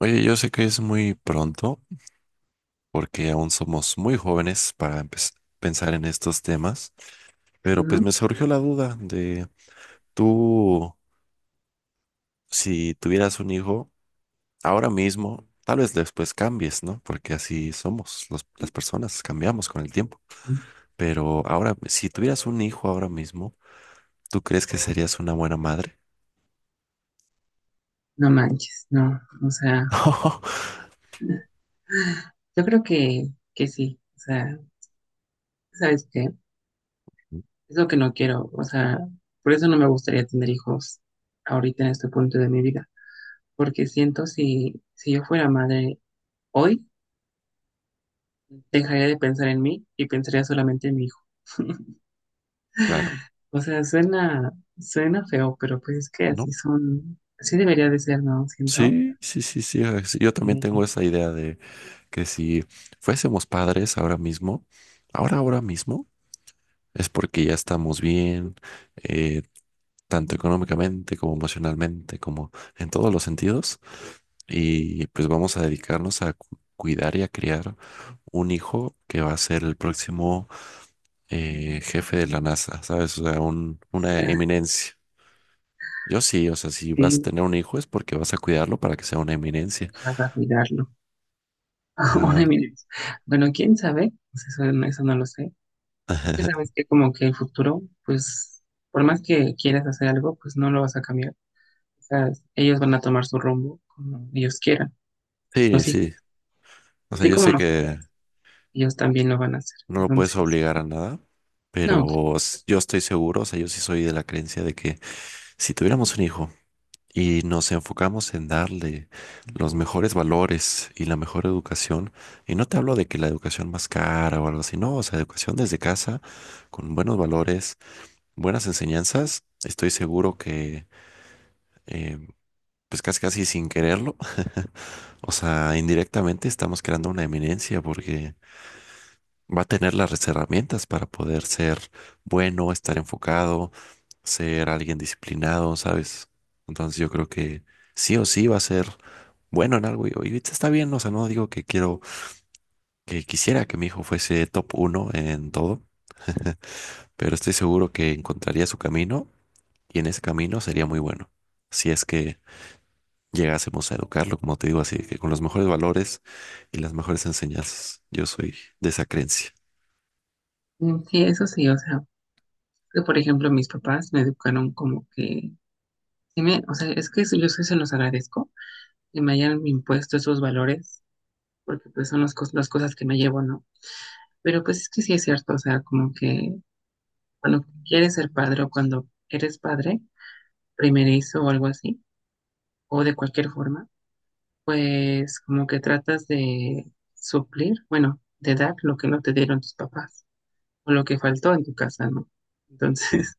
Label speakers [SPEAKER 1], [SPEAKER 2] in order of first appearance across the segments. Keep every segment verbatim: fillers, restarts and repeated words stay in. [SPEAKER 1] Oye, yo sé que es muy pronto porque aún somos muy jóvenes para empe- pensar en estos temas, pero pues
[SPEAKER 2] No,
[SPEAKER 1] me surgió la duda de tú, si tuvieras un hijo ahora mismo, tal vez después cambies, ¿no? Porque así somos los- las personas, cambiamos con el tiempo. Pero ahora, si tuvieras un hijo ahora mismo, ¿tú crees que serías una buena madre?
[SPEAKER 2] no manches, no. O sea, yo creo que, que sí. O sea, ¿sabes qué? Es lo que no quiero. O sea, por eso no me gustaría tener hijos ahorita en este punto de mi vida. Porque siento si, si yo fuera madre hoy, dejaría de pensar en mí y pensaría solamente en mi hijo.
[SPEAKER 1] Claro,
[SPEAKER 2] O sea, suena, suena feo, pero pues es que
[SPEAKER 1] ¿no?
[SPEAKER 2] así son, así debería de ser, ¿no? Siento.
[SPEAKER 1] Sí, sí, sí, sí. es- Yo también tengo
[SPEAKER 2] Y
[SPEAKER 1] esa idea de que si fuésemos padres ahora mismo, ahora, ahora mismo, es porque ya estamos bien, eh, tanto económicamente como emocionalmente, como en todos los sentidos, y pues vamos a dedicarnos a cu- cuidar y a criar un hijo que va a ser el próximo eh, jefe de la NASA, ¿sabes? O sea, un- una eminencia. Yo sí, o sea, si vas a
[SPEAKER 2] sí,
[SPEAKER 1] tener un hijo es porque vas a cuidarlo para que sea una eminencia.
[SPEAKER 2] vas a cuidarlo. Una
[SPEAKER 1] Ajá.
[SPEAKER 2] de Bueno, quién sabe. Pues eso, no- eso no lo sé. Es que sabes que como que el futuro, pues por más que quieras hacer algo, pues no lo vas a cambiar. O sea, ellos van a tomar su rumbo como ellos quieran.
[SPEAKER 1] Sí,
[SPEAKER 2] Los hijos,
[SPEAKER 1] sí. O sea,
[SPEAKER 2] así
[SPEAKER 1] yo
[SPEAKER 2] como
[SPEAKER 1] sé
[SPEAKER 2] nosotros,
[SPEAKER 1] que
[SPEAKER 2] ellos también lo van a hacer.
[SPEAKER 1] no lo puedes
[SPEAKER 2] Entonces,
[SPEAKER 1] obligar a nada,
[SPEAKER 2] no,
[SPEAKER 1] pero s- yo estoy seguro, o sea, yo sí soy de la creencia de que si tuviéramos un hijo y nos enfocamos en darle los mejores valores y la mejor educación, y no te hablo de que la educación más cara o algo así, no, o sea, educación desde casa, con buenos valores, buenas enseñanzas, estoy seguro que... eh, pues casi casi sin quererlo, o sea, indirectamente estamos creando una eminencia porque va a tener las herramientas para poder ser bueno, estar enfocado, ser alguien disciplinado, ¿sabes? Entonces yo creo que sí o sí va a ser bueno en algo y, y está bien, o sea, no digo que quiero, que quisiera que mi hijo fuese top uno en todo, pero estoy seguro que encontraría su camino y en ese camino sería muy bueno. Si es que llegásemos a educarlo, como te digo, así que con los mejores valores y las mejores enseñanzas. Yo soy de esa creencia.
[SPEAKER 2] mm, sí, eso sí. O sea, que por ejemplo mis papás me educaron como que, sí me, o sea, es que eso- yo sí se los agradezco que me hayan impuesto esos valores, porque pues son las, cos- las cosas que me llevo, ¿no? Pero pues es que sí es cierto, o sea, como que cuando quieres ser padre o cuando eres padre, primerizo o algo así, o de cualquier forma, pues como que tratas de suplir, bueno, de dar lo que no te dieron tus papás o lo que faltó en tu casa, ¿no? Entonces,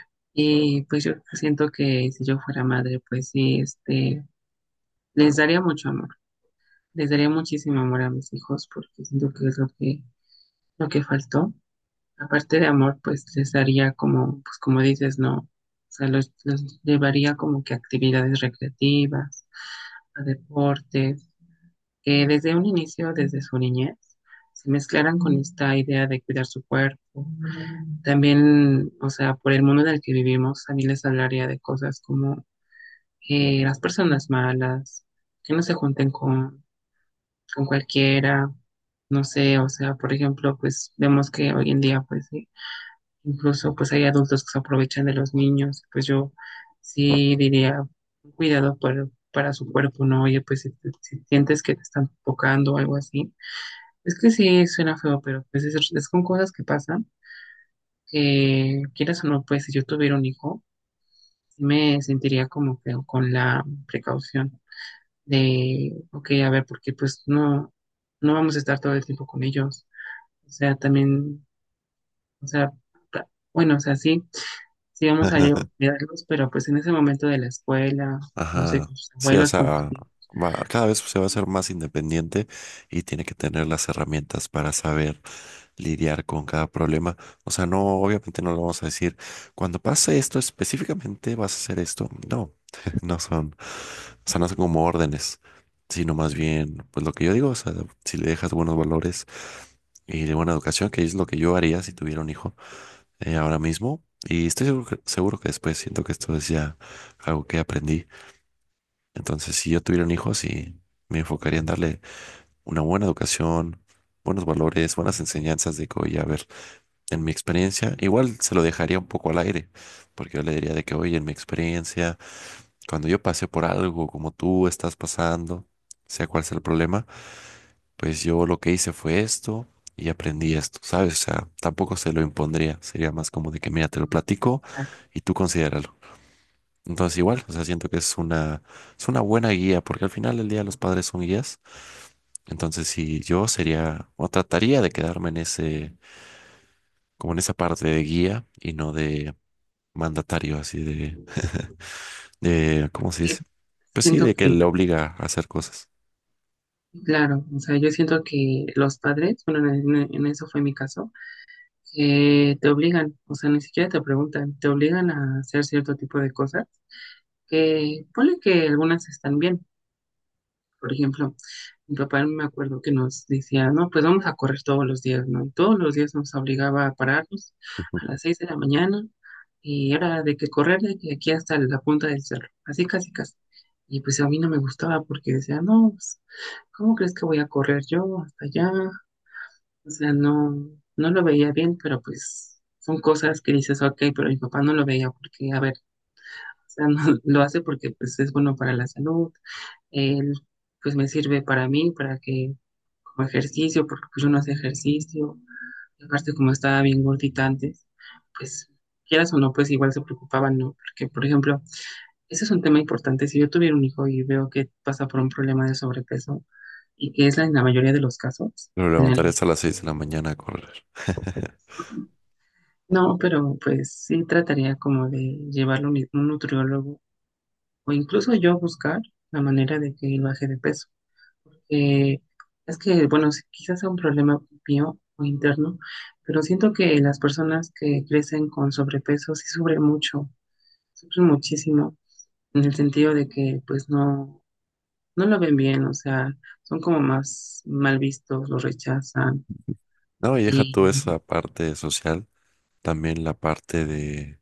[SPEAKER 2] y pues yo siento que si yo fuera madre, pues sí, este, les daría mucho amor, les daría muchísimo amor a mis hijos porque siento que es lo que, lo que faltó Aparte de amor, pues les daría como, pues como dices, no, o sea, los, los llevaría como que a actividades recreativas, a deportes, que desde un inicio, desde su niñez, se mezclaran con esta idea de cuidar su cuerpo. También, o sea, por el mundo en el que vivimos, a mí les hablaría de cosas como eh, las personas malas, que no se junten con, con cualquiera, no sé, o sea, por ejemplo, pues vemos que hoy en día, pues sí. Incluso pues hay adultos que se aprovechan de los niños, pues yo sí diría cuidado para, para su cuerpo, ¿no? Oye, pues si, te- si sientes que te están tocando o algo así, es que sí suena feo, pero pues es, es con cosas que pasan, que quieras o no. Pues si yo tuviera un hijo, sí me sentiría como que con la precaución de, ok, a ver, porque pues no, no vamos a estar todo el tiempo con ellos, o sea, también, o sea, bueno, o sea, sí sí vamos a ayudarlos, pero pues en ese momento de la escuela, no sé,
[SPEAKER 1] Ajá,
[SPEAKER 2] con sus
[SPEAKER 1] sí, o
[SPEAKER 2] abuelos, con tus
[SPEAKER 1] sea,
[SPEAKER 2] tíos,
[SPEAKER 1] va- cada vez se va a ser más independiente y tiene que tener las herramientas para saber lidiar con cada problema. O sea, no, obviamente no lo vamos a decir, cuando pase esto específicamente vas a hacer esto. No, no son, o sea, no son como órdenes, sino más bien, pues lo que yo digo, o sea, si le dejas buenos valores y de buena educación, que es lo que yo haría si tuviera un hijo, eh, ahora mismo. Y estoy seguro que, seguro que después siento que esto es ya algo que aprendí. Entonces, si yo tuviera un hijo, sí, me enfocaría en darle una buena educación, buenos valores, buenas enseñanzas de que, oye, a ver, en mi experiencia, igual se lo dejaría un poco al aire, porque yo le diría de que, oye, en mi experiencia, cuando yo pasé por algo como tú estás pasando, sea cual sea el problema, pues yo lo que hice fue esto y aprendí esto, ¿sabes? O sea, tampoco se lo impondría, sería más como de que, mira, te lo
[SPEAKER 2] mm,
[SPEAKER 1] platico
[SPEAKER 2] claro.
[SPEAKER 1] y tú considéralo. Entonces igual, o sea, siento que es una, es una buena guía, porque al final del día los padres son guías. Entonces si yo sería, o trataría de quedarme en ese, como en esa parte de guía y no de mandatario, así de, de, ¿cómo se
[SPEAKER 2] eh,
[SPEAKER 1] dice? Pues sí,
[SPEAKER 2] Siento
[SPEAKER 1] de que
[SPEAKER 2] que,
[SPEAKER 1] le obliga a hacer cosas.
[SPEAKER 2] claro, o sea, yo siento que los padres, bueno, en, en- en eso fue mi caso, que te obligan, o sea, ni siquiera te preguntan, te obligan a hacer cierto tipo de cosas, que ponle que algunas están bien. Por ejemplo, mi papá me acuerdo que nos decía, no, pues vamos a correr todos los días, ¿no? Y todos los días nos obligaba a pararnos
[SPEAKER 1] Ujú.
[SPEAKER 2] a las seis de la mañana, y era de que correr de que aquí hasta la punta del cerro, así casi casi. Y pues a mí no me gustaba porque decía, no, pues, ¿cómo crees que voy a correr yo hasta allá? O sea, no, no lo veía bien, pero pues son cosas que dices, ok. Pero mi papá no lo veía porque, a ver, o sea, no, lo hace porque pues, es bueno para la salud, él, pues me sirve para mí, para que como ejercicio, porque pues, yo no hacía ejercicio, y aparte como estaba bien gordita antes, pues quieras o no, pues igual se preocupaban, ¿no? Porque, por ejemplo, ese es un tema importante. Si yo tuviera un hijo y veo que pasa por un problema de sobrepeso, y que es la- en la mayoría de los casos
[SPEAKER 1] Lo
[SPEAKER 2] de la
[SPEAKER 1] levantaré
[SPEAKER 2] niña,
[SPEAKER 1] hasta las seis de la mañana a correr.
[SPEAKER 2] no, pero pues sí trataría como de llevarlo a un un nutriólogo, o incluso yo buscar la manera de que él baje de peso. Eh, es que, bueno, sí, quizás sea un problema mío o interno, pero siento que las personas que crecen con sobrepeso sí sufren mucho, sufren muchísimo, en el sentido de que pues no, no lo ven bien, o sea, son como más mal vistos, lo rechazan
[SPEAKER 1] No, y deja
[SPEAKER 2] y
[SPEAKER 1] tú esa parte social, también la parte de,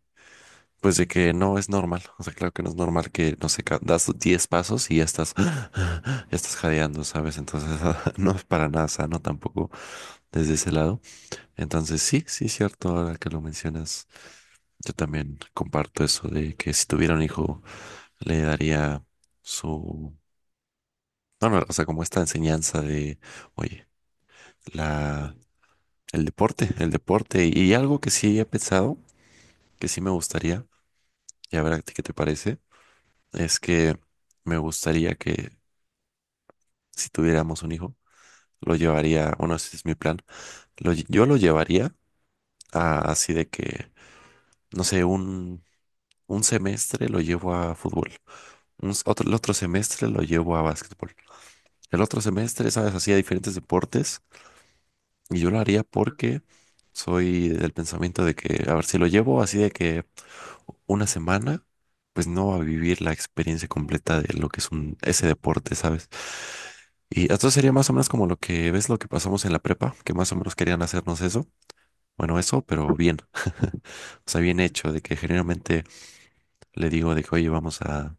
[SPEAKER 1] pues de que no es normal, o sea, claro que no es normal que, no sé, ca- das diez pasos y ya estás, ya estás jadeando, ¿sabes? Entonces, no es para nada sano tampoco desde ese lado. Entonces, sí, sí, cierto, ahora que lo mencionas, yo también comparto eso de que si tuviera un hijo, le daría su, no, no, o sea, como esta enseñanza de, oye, la, el deporte, el deporte y, y algo que sí he pensado, que sí me gustaría, y a ver a ti qué te parece, es que me gustaría que si tuviéramos un hijo, lo llevaría, bueno, ese es mi plan, lo lle- yo lo llevaría a, así de que, no sé, un, un semestre lo llevo a fútbol, un s- otro, el otro semestre lo llevo a básquetbol, el otro semestre, sabes, así a diferentes deportes, y yo lo haría porque soy del pensamiento de que, a ver, si lo llevo así de que una semana, pues no va a vivir la experiencia completa de lo que es un, ese deporte, ¿sabes? Y entonces sería más o menos como lo que ves, lo que pasamos en la prepa, que más o menos querían hacernos eso. Bueno, eso, pero bien. O sea, bien hecho, de que generalmente le digo de que, oye, vamos a,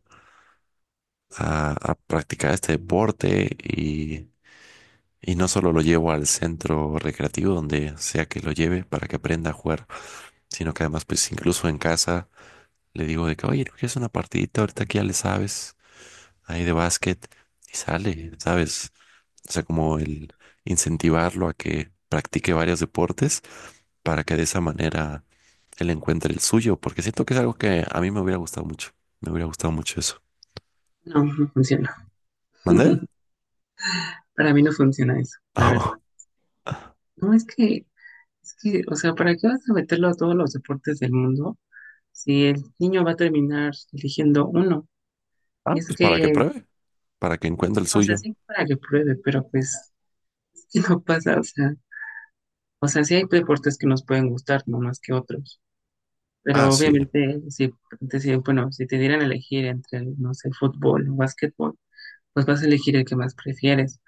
[SPEAKER 1] a- a practicar este deporte, y, y no solo lo llevo al centro recreativo donde sea que lo lleve para que aprenda a jugar, sino que además, pues incluso en casa le digo de que, oye, ¿no quieres una partidita? Ahorita que ya le sabes ahí de básquet y sale, ¿sabes? O sea, como el incentivarlo a que practique varios deportes para que de esa manera él encuentre el suyo, porque siento que es algo que a mí me hubiera gustado mucho. Me hubiera gustado mucho eso.
[SPEAKER 2] no, no funciona.
[SPEAKER 1] ¿Mandé?
[SPEAKER 2] Para mí no funciona eso, la verdad. No, es que, es que, o sea, ¿para qué vas a meterlo a todos los deportes del mundo? Si el niño va a terminar eligiendo uno.
[SPEAKER 1] Ah,
[SPEAKER 2] Y es
[SPEAKER 1] pues para que
[SPEAKER 2] que,
[SPEAKER 1] pruebe, para que encuentre el
[SPEAKER 2] o sea,
[SPEAKER 1] suyo.
[SPEAKER 2] sí, para que pruebe, pero pues que no pasa, o sea, o sea, sí hay deportes que nos pueden gustar, no más que otros.
[SPEAKER 1] Ah,
[SPEAKER 2] Pero
[SPEAKER 1] sí.
[SPEAKER 2] obviamente, si, si- bueno, si te dieran a elegir entre, no sé, fútbol o básquetbol, pues vas a elegir el que más prefieres.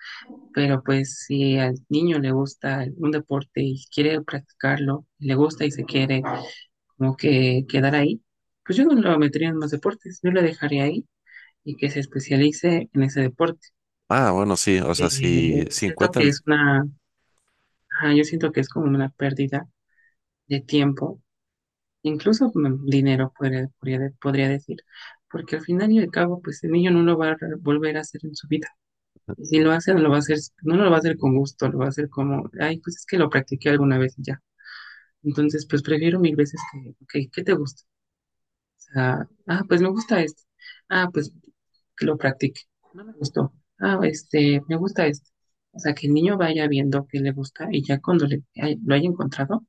[SPEAKER 2] Pero pues si al niño le gusta un deporte y quiere practicarlo, le gusta y se quiere como que quedar ahí, pues yo no lo metería en más deportes, yo lo dejaría ahí y que se especialice en ese deporte.
[SPEAKER 1] Ah, bueno, sí, o sea, si,
[SPEAKER 2] Eh,
[SPEAKER 1] si
[SPEAKER 2] siento
[SPEAKER 1] encuentra
[SPEAKER 2] que
[SPEAKER 1] el.
[SPEAKER 2] es una, ajá, yo siento que es como una pérdida de tiempo, incluso mm, dinero, podría, podría, podría decir, porque al final y al cabo, pues el niño no lo va a re- volver a hacer en su vida. Y si lo hace, no lo va a hacer, no lo va a hacer, con gusto, lo va a hacer como, ay, pues es que lo practiqué alguna vez y ya. Entonces, pues prefiero mil veces que, ok, ¿qué te gusta? Sea, ah, pues me gusta esto. Ah, pues que lo practique. No me gustó. Ah, este, me gusta esto. O sea, que el niño vaya viendo qué le gusta y ya cuando le, ay- lo haya encontrado,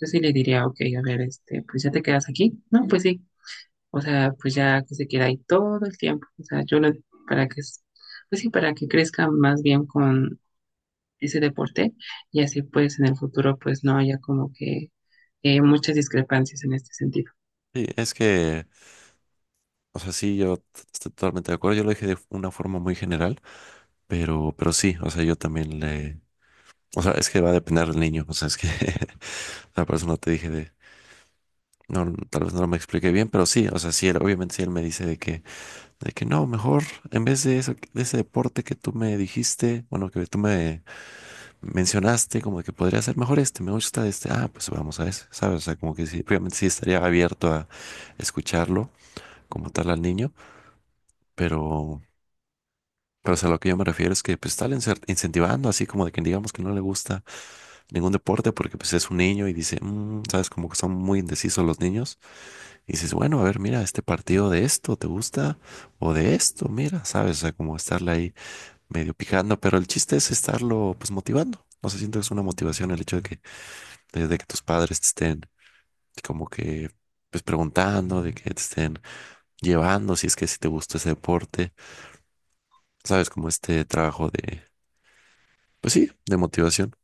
[SPEAKER 2] yo sí le diría, ok, a ver, este, pues ya te quedas aquí. No, pues sí. O sea, pues ya que se queda ahí todo el tiempo. O sea, yo lo, para que, s- pues sí, para que crezca más bien con ese deporte, y así pues en el futuro pues no haya como que eh, muchas discrepancias en este sentido.
[SPEAKER 1] Sí, es que, o sea, sí, yo t- estoy totalmente de acuerdo. Yo lo dije de una forma muy general, pero, pero sí, o sea, yo también le, o sea, es que va a depender del niño. O sea, es que la persona te dije de. No, tal vez no me expliqué bien, pero sí, o sea, sí, él, obviamente sí él me dice de que, de que, no, mejor en vez de eso, de ese deporte que tú me dijiste, bueno, que tú me mencionaste, como que podría ser mejor este, me gusta este, ah, pues vamos a ese, ¿sabes? O sea, como que sí, obviamente sí estaría abierto a escucharlo como tal al niño, pero, pero o sea, lo que yo me refiero es que pues tal incentivando, así como de que digamos que no le gusta ningún deporte porque pues es un niño y dice, "Mm", sabes, como que son muy indecisos los niños. Y dices, bueno, a ver, mira, este partido de esto, ¿te gusta? O de esto, mira, sabes, o sea, como estarle ahí medio picando, pero el chiste es estarlo pues motivando. No sé, siento que es una motivación el hecho de que desde que tus padres te estén como que pues preguntando, de que te estén llevando, si es que si te gusta ese deporte, sabes, como este trabajo de, pues sí, de motivación.